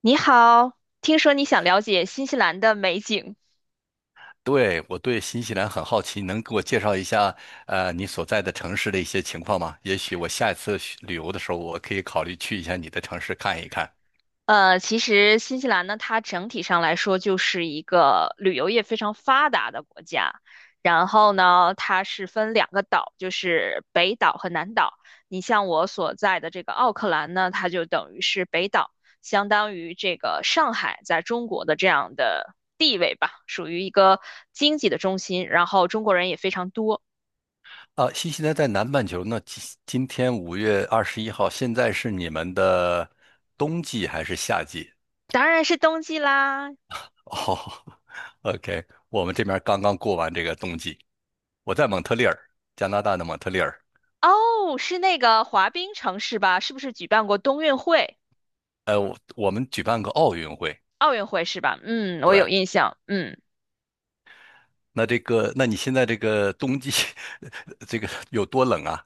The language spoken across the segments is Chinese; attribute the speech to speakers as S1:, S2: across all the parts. S1: 你好，听说你想了解新西兰的美景。
S2: 对，我对新西兰很好奇，能给我介绍一下，你所在的城市的一些情况吗？也许我下一次去旅游的时候，我可以考虑去一下你的城市看一看。
S1: 其实新西兰呢，它整体上来说就是一个旅游业非常发达的国家。然后呢，它是分两个岛，就是北岛和南岛。你像我所在的这个奥克兰呢，它就等于是北岛，相当于这个上海在中国的这样的地位吧，属于一个经济的中心。然后中国人也非常多，
S2: 啊，新西兰在南半球那今天5月21号，现在是你们的冬季还是夏季？
S1: 当然是冬季啦。
S2: 哦 ，OK，我们这边刚刚过完这个冬季，我在蒙特利尔，加拿大的蒙特利尔，
S1: 哦，是那个滑冰城市吧？是不是举办过冬运会、
S2: 我们举办个奥运会。
S1: 奥运会是吧？嗯，我有
S2: 对，
S1: 印象。嗯。
S2: 那这个，那你现在这个冬季 这个有多冷啊？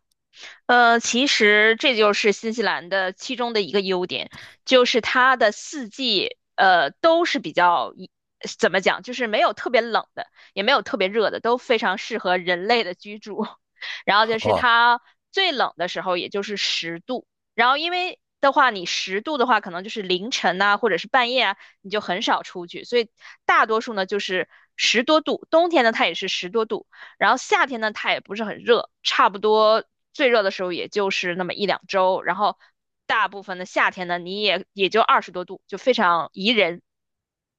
S1: 其实这就是新西兰的其中的一个优点，就是它的四季都是比较怎么讲，就是没有特别冷的，也没有特别热的，都非常适合人类的居住。然后就是
S2: 哦
S1: 它最冷的时候，也就是十度。然后因为的话，你十度的话，可能就是凌晨呐、或者是半夜啊，你就很少出去。所以大多数呢就是十多度，冬天呢它也是十多度，然后夏天呢，它也不是很热，差不多最热的时候也就是那么一两周。然后大部分的夏天呢，你也就20多度，就非常宜人。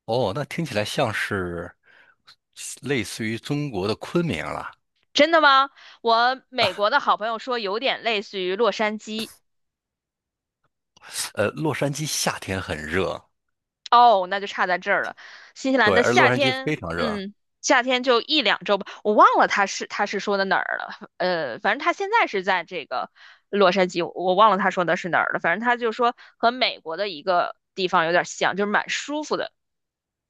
S2: 哦，那听起来像是类似于中国的昆明了。
S1: 真的吗？我美国的好朋友说有点类似于洛杉矶，
S2: 洛杉矶夏天很热，
S1: 哦，那就差在这儿了。新西兰
S2: 对，
S1: 的
S2: 而洛
S1: 夏
S2: 杉矶非
S1: 天，
S2: 常热。
S1: 嗯，夏天就一两周吧，我忘了他是说的哪儿了。反正他现在是在这个洛杉矶，我忘了他说的是哪儿了。反正他就说和美国的一个地方有点像，就是蛮舒服的。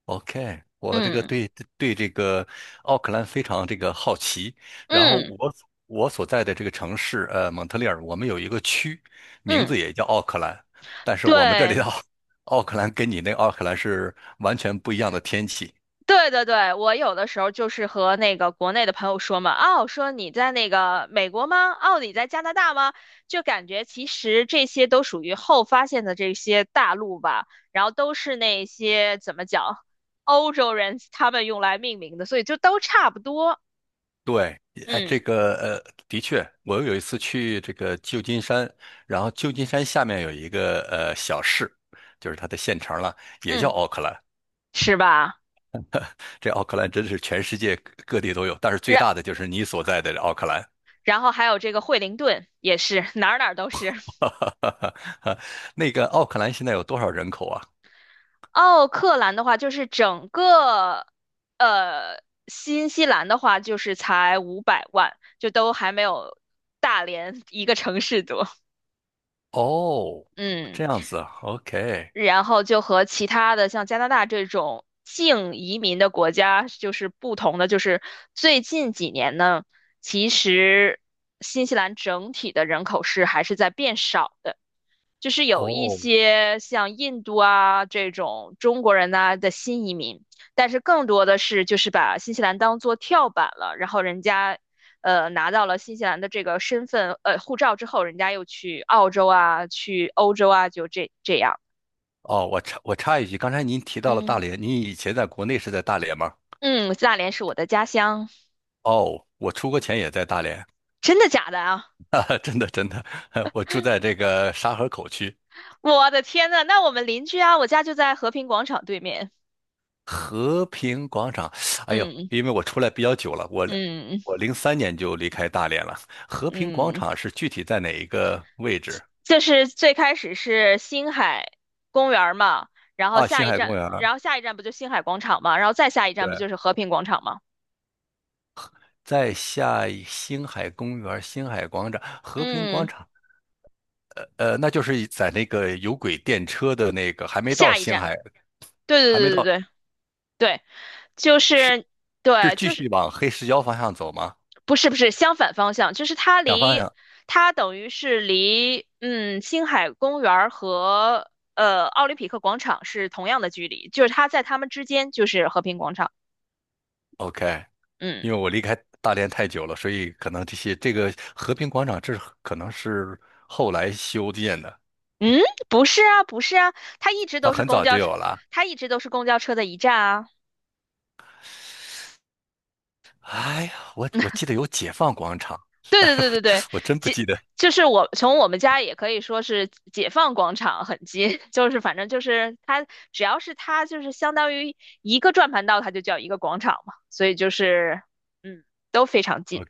S2: OK，我这个
S1: 嗯
S2: 对，对这个奥克兰非常这个好奇。然后
S1: 嗯
S2: 我所在的这个城市，蒙特利尔，我们有一个区，名
S1: 嗯，
S2: 字也叫奥克兰，但是我们这里的
S1: 对，
S2: 奥 奥克兰跟你那奥克兰是完全不一样的天气。
S1: 对对对，我有的时候就是和那个国内的朋友说嘛，哦，说你在那个美国吗？哦，你在加拿大吗？就感觉其实这些都属于后发现的这些大陆吧，然后都是那些怎么讲，欧洲人他们用来命名的，所以就都差不多。
S2: 对，哎，
S1: 嗯
S2: 的确，我有一次去这个旧金山，然后旧金山下面有一个小市，就是它的县城了，也叫
S1: 嗯，
S2: 奥克兰。
S1: 是吧？
S2: 这奥克兰真是全世界各地都有，但是最
S1: 然
S2: 大的就是你所在的奥克兰。
S1: 然后还有这个惠灵顿也是哪儿哪儿都是。
S2: 那个奥克兰现在有多少人口啊？
S1: 奥克兰的话，就是整个呃新西兰的话，就是才500万，就都还没有大连一个城市多。
S2: 哦，
S1: 嗯，
S2: 这样子啊，OK，
S1: 然后就和其他的像加拿大这种净移民的国家就是不同的，就是最近几年呢，其实新西兰整体的人口是还是在变少的。就是有一
S2: 哦
S1: 些像印度啊这种中国人呐、的新移民，但是更多的是就是把新西兰当做跳板了，然后人家拿到了新西兰的这个身份护照之后，人家又去澳洲啊，去欧洲啊，就这样。
S2: 哦，我插一句，刚才您提到了大
S1: 嗯
S2: 连，您以前在国内是在大连吗？
S1: 嗯，大连是我的家乡，
S2: 哦，我出国前也在大连。
S1: 真的假的啊？
S2: 啊，真的真的，我住在这个沙河口区
S1: 我的天呐，那我们邻居啊，我家就在和平广场对面。
S2: 和平广场。哎呦，
S1: 嗯
S2: 因为我出来比较久了，
S1: 嗯
S2: 我03年就离开大连了。和平广
S1: 嗯。
S2: 场是具体在哪一个位置？
S1: 就是最开始是星海公园儿嘛，然后
S2: 啊，
S1: 下
S2: 星
S1: 一
S2: 海公
S1: 站，
S2: 园儿
S1: 然后下一站不就星海广场嘛，然后再下一站不
S2: 对，
S1: 就是和平广场嘛？
S2: 在下一星海公园儿星海广场、和平广
S1: 嗯，
S2: 场，那就是在那个有轨电车的那个，还没到
S1: 下一
S2: 星
S1: 站，
S2: 海，
S1: 对
S2: 还没
S1: 对对
S2: 到，
S1: 对对对，就是
S2: 是
S1: 对，
S2: 继
S1: 就是
S2: 续往黑石礁方向走吗？
S1: 不是不是相反方向，就是它
S2: 两方
S1: 离
S2: 向
S1: 它等于是离星海公园儿和奥林匹克广场是同样的距离，就是它在它们之间就是和平广场，
S2: ，OK。
S1: 嗯。
S2: 因为我离开大连太久了，所以可能这个和平广场可能是后来修建的，
S1: 嗯，不是啊，不是啊，它一直
S2: 它
S1: 都是
S2: 很
S1: 公
S2: 早就
S1: 交车，
S2: 有了。
S1: 它一直都是公交车的一站啊。
S2: 哎呀，我记得有解放广场，
S1: 对
S2: 但
S1: 对
S2: 是我
S1: 对对对，
S2: 我真不
S1: 解
S2: 记得。
S1: 就是我从我们家也可以说是解放广场很近，就是反正就是它只要是它就是相当于一个转盘道，它就叫一个广场嘛，所以就是嗯都非常近。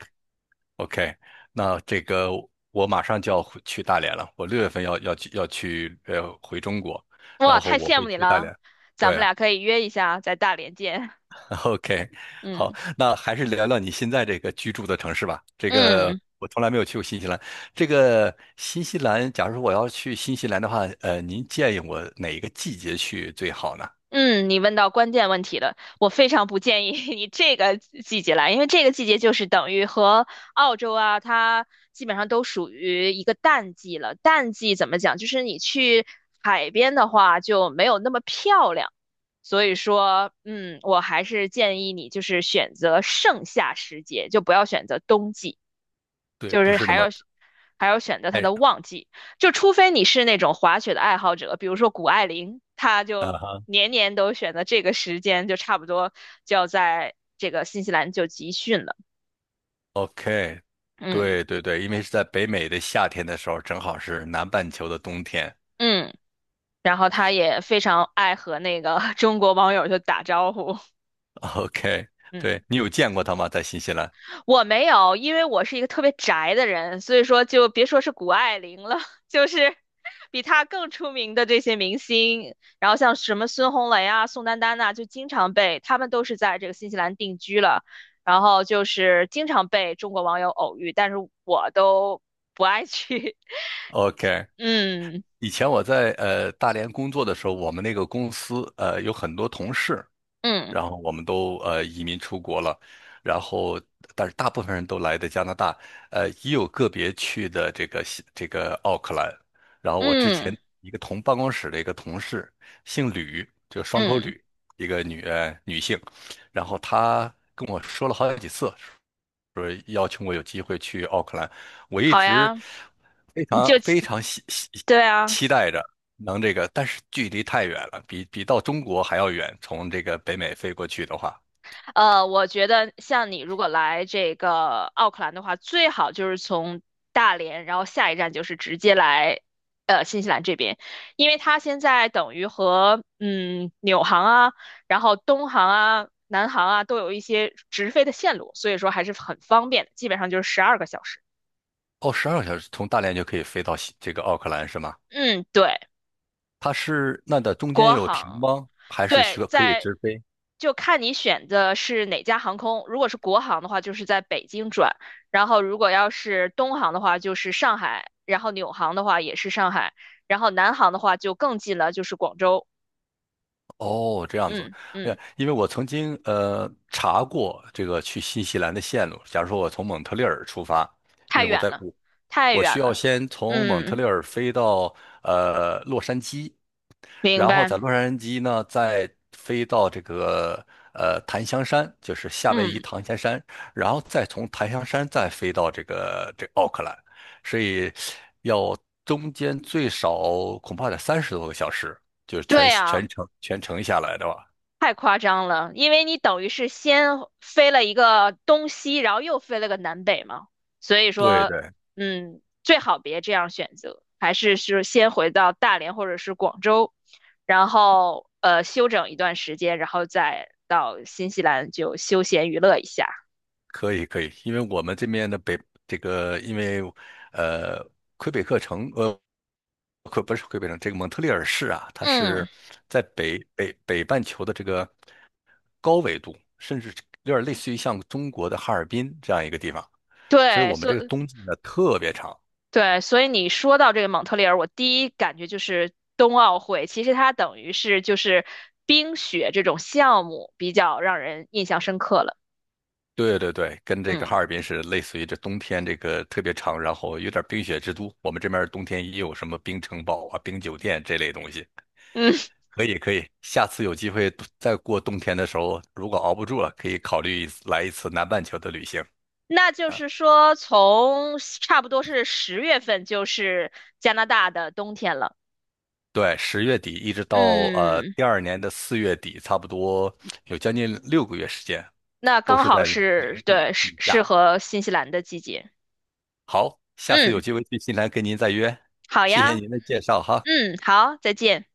S2: OK，那这个我马上就要回去大连了，我6月份要回中国，
S1: 哇，
S2: 然后
S1: 太
S2: 我
S1: 羡
S2: 会
S1: 慕你
S2: 去大
S1: 了，
S2: 连。
S1: 咱
S2: 对
S1: 们
S2: 啊，
S1: 俩可以约一下在大连见。
S2: OK，好，
S1: 嗯
S2: 那还是聊聊你现在这个居住的城市吧。这个
S1: 嗯。
S2: 我从来没有去过新西兰。这个新西兰，假如说我要去新西兰的话，您建议我哪一个季节去最好呢？
S1: 嗯，你问到关键问题了。我非常不建议 你这个季节来，因为这个季节就是等于和澳洲啊，它基本上都属于一个淡季了。淡季怎么讲？就是你去海边的话就没有那么漂亮。所以说，嗯，我还是建议你就是选择盛夏时节，就不要选择冬季。
S2: 对，
S1: 就
S2: 不
S1: 是
S2: 是那
S1: 还要
S2: 么，
S1: 还要选择它
S2: 太。
S1: 的旺季，就除非你是那种滑雪的爱好者，比如说谷爱凌，她
S2: 啊
S1: 就
S2: 哈
S1: 年年都选择这个时间，就差不多就要在这个新西兰就集训了。
S2: ，OK，
S1: 嗯
S2: 对对对，因为是在北美的夏天的时候，正好是南半球的冬天。
S1: 嗯，然后她也非常爱和那个 中国网友就打招呼，
S2: OK，
S1: 嗯。
S2: 对，你有见过他吗？在新西兰
S1: 我没有，因为我是一个特别宅的人，所以说就别说是谷爱凌了，就是比她更出名的这些明星，然后像什么孙红雷啊、宋丹丹呐、就经常被他们都是在这个新西兰定居了，然后就是经常被中国网友偶遇，但是我都不爱去。
S2: ？OK，
S1: 嗯
S2: 以前我在大连工作的时候，我们那个公司有很多同事。
S1: 嗯
S2: 然后我们都移民出国了，然后但是大部分人都来的加拿大，也有个别去的这个西这个奥克兰。然后我之
S1: 嗯
S2: 前一个同办公室的一个同事，姓吕，就双口
S1: 嗯，
S2: 吕，一个女性，然后她跟我说了好几次，说邀请我有机会去奥克兰，我一
S1: 好
S2: 直
S1: 呀，
S2: 非
S1: 你就
S2: 常非常
S1: 对啊。
S2: 期待着能这个，但是距离太远了，比到中国还要远。从这个北美飞过去的话，
S1: 我觉得像你如果来这个奥克兰的话，最好就是从大连，然后下一站就是直接来新西兰这边，因为它现在等于和纽航啊，然后东航啊、南航啊都有一些直飞的线路，所以说还是很方便的，基本上就是12个小时。
S2: 哦，12个小时，从大连就可以飞到这个奥克兰是吗？
S1: 嗯，对，
S2: 它是那的中间
S1: 国
S2: 有停
S1: 航。
S2: 吗？还是需
S1: 对，
S2: 要可以
S1: 在
S2: 直飞？
S1: 就看你选的是哪家航空。如果是国航的话，就是在北京转；然后如果要是东航的话，就是上海；然后纽航的话也是上海；然后南航的话就更近了，就是广州。
S2: 哦，这样子，
S1: 嗯
S2: 哎
S1: 嗯，
S2: 呀，因为我曾经查过这个去新西兰的线路。假如说我从蒙特利尔出发，因
S1: 太
S2: 为我
S1: 远
S2: 在
S1: 了，
S2: 我
S1: 太
S2: 我
S1: 远
S2: 需要
S1: 了。
S2: 先从蒙特
S1: 嗯，
S2: 利尔飞到洛杉矶，
S1: 明
S2: 然后在
S1: 白。
S2: 洛杉矶呢，再飞到檀香山，就是夏威夷
S1: 嗯，
S2: 檀香山，然后再从檀香山再飞到这个奥克兰，所以要中间最少恐怕得30多个小时，就是
S1: 对
S2: 全全
S1: 呀。
S2: 程全程下来的吧。
S1: 太夸张了，因为你等于是先飞了一个东西，然后又飞了个南北嘛，所以
S2: 对
S1: 说，
S2: 对，
S1: 嗯，最好别这样选择，还是先回到大连或者是广州，然后休整一段时间，然后再到新西兰就休闲娱乐一下。
S2: 可以可以，因为我们这边的这个，因为呃，魁北克城不是魁北克城，这个蒙特利尔市啊，它
S1: 嗯，
S2: 是在北半球的这个高纬度，甚至有点类似于像中国的哈尔滨这样一个地方，所以
S1: 对，
S2: 我们这个冬季呢特别长。
S1: 对，所以你说到这个蒙特利尔，我第一感觉就是冬奥会，其实它等于是就是冰雪这种项目比较让人印象深刻了。
S2: 对对对，跟这个哈
S1: 嗯
S2: 尔滨是类似于这冬天这个特别长，然后有点冰雪之都。我们这边冬天也有什么冰城堡啊、冰酒店这类东西。
S1: 嗯，
S2: 可以可以，下次有机会再过冬天的时候，如果熬不住了，可以考虑一次来一次南半球的旅行。
S1: 那就是说，从差不多是10月份，就是加拿大的冬天了。
S2: 对，10月底一直到
S1: 嗯，
S2: 第二年的4月底，差不多有将近6个月时间，
S1: 那
S2: 都
S1: 刚
S2: 是
S1: 好
S2: 在
S1: 是
S2: 0度
S1: 对
S2: 以下。
S1: 适合新西兰的季节。
S2: 好，下次有
S1: 嗯，
S2: 机会去新西兰跟您再约，
S1: 好
S2: 谢
S1: 呀。
S2: 谢您的介绍哈。
S1: 嗯，好，再见。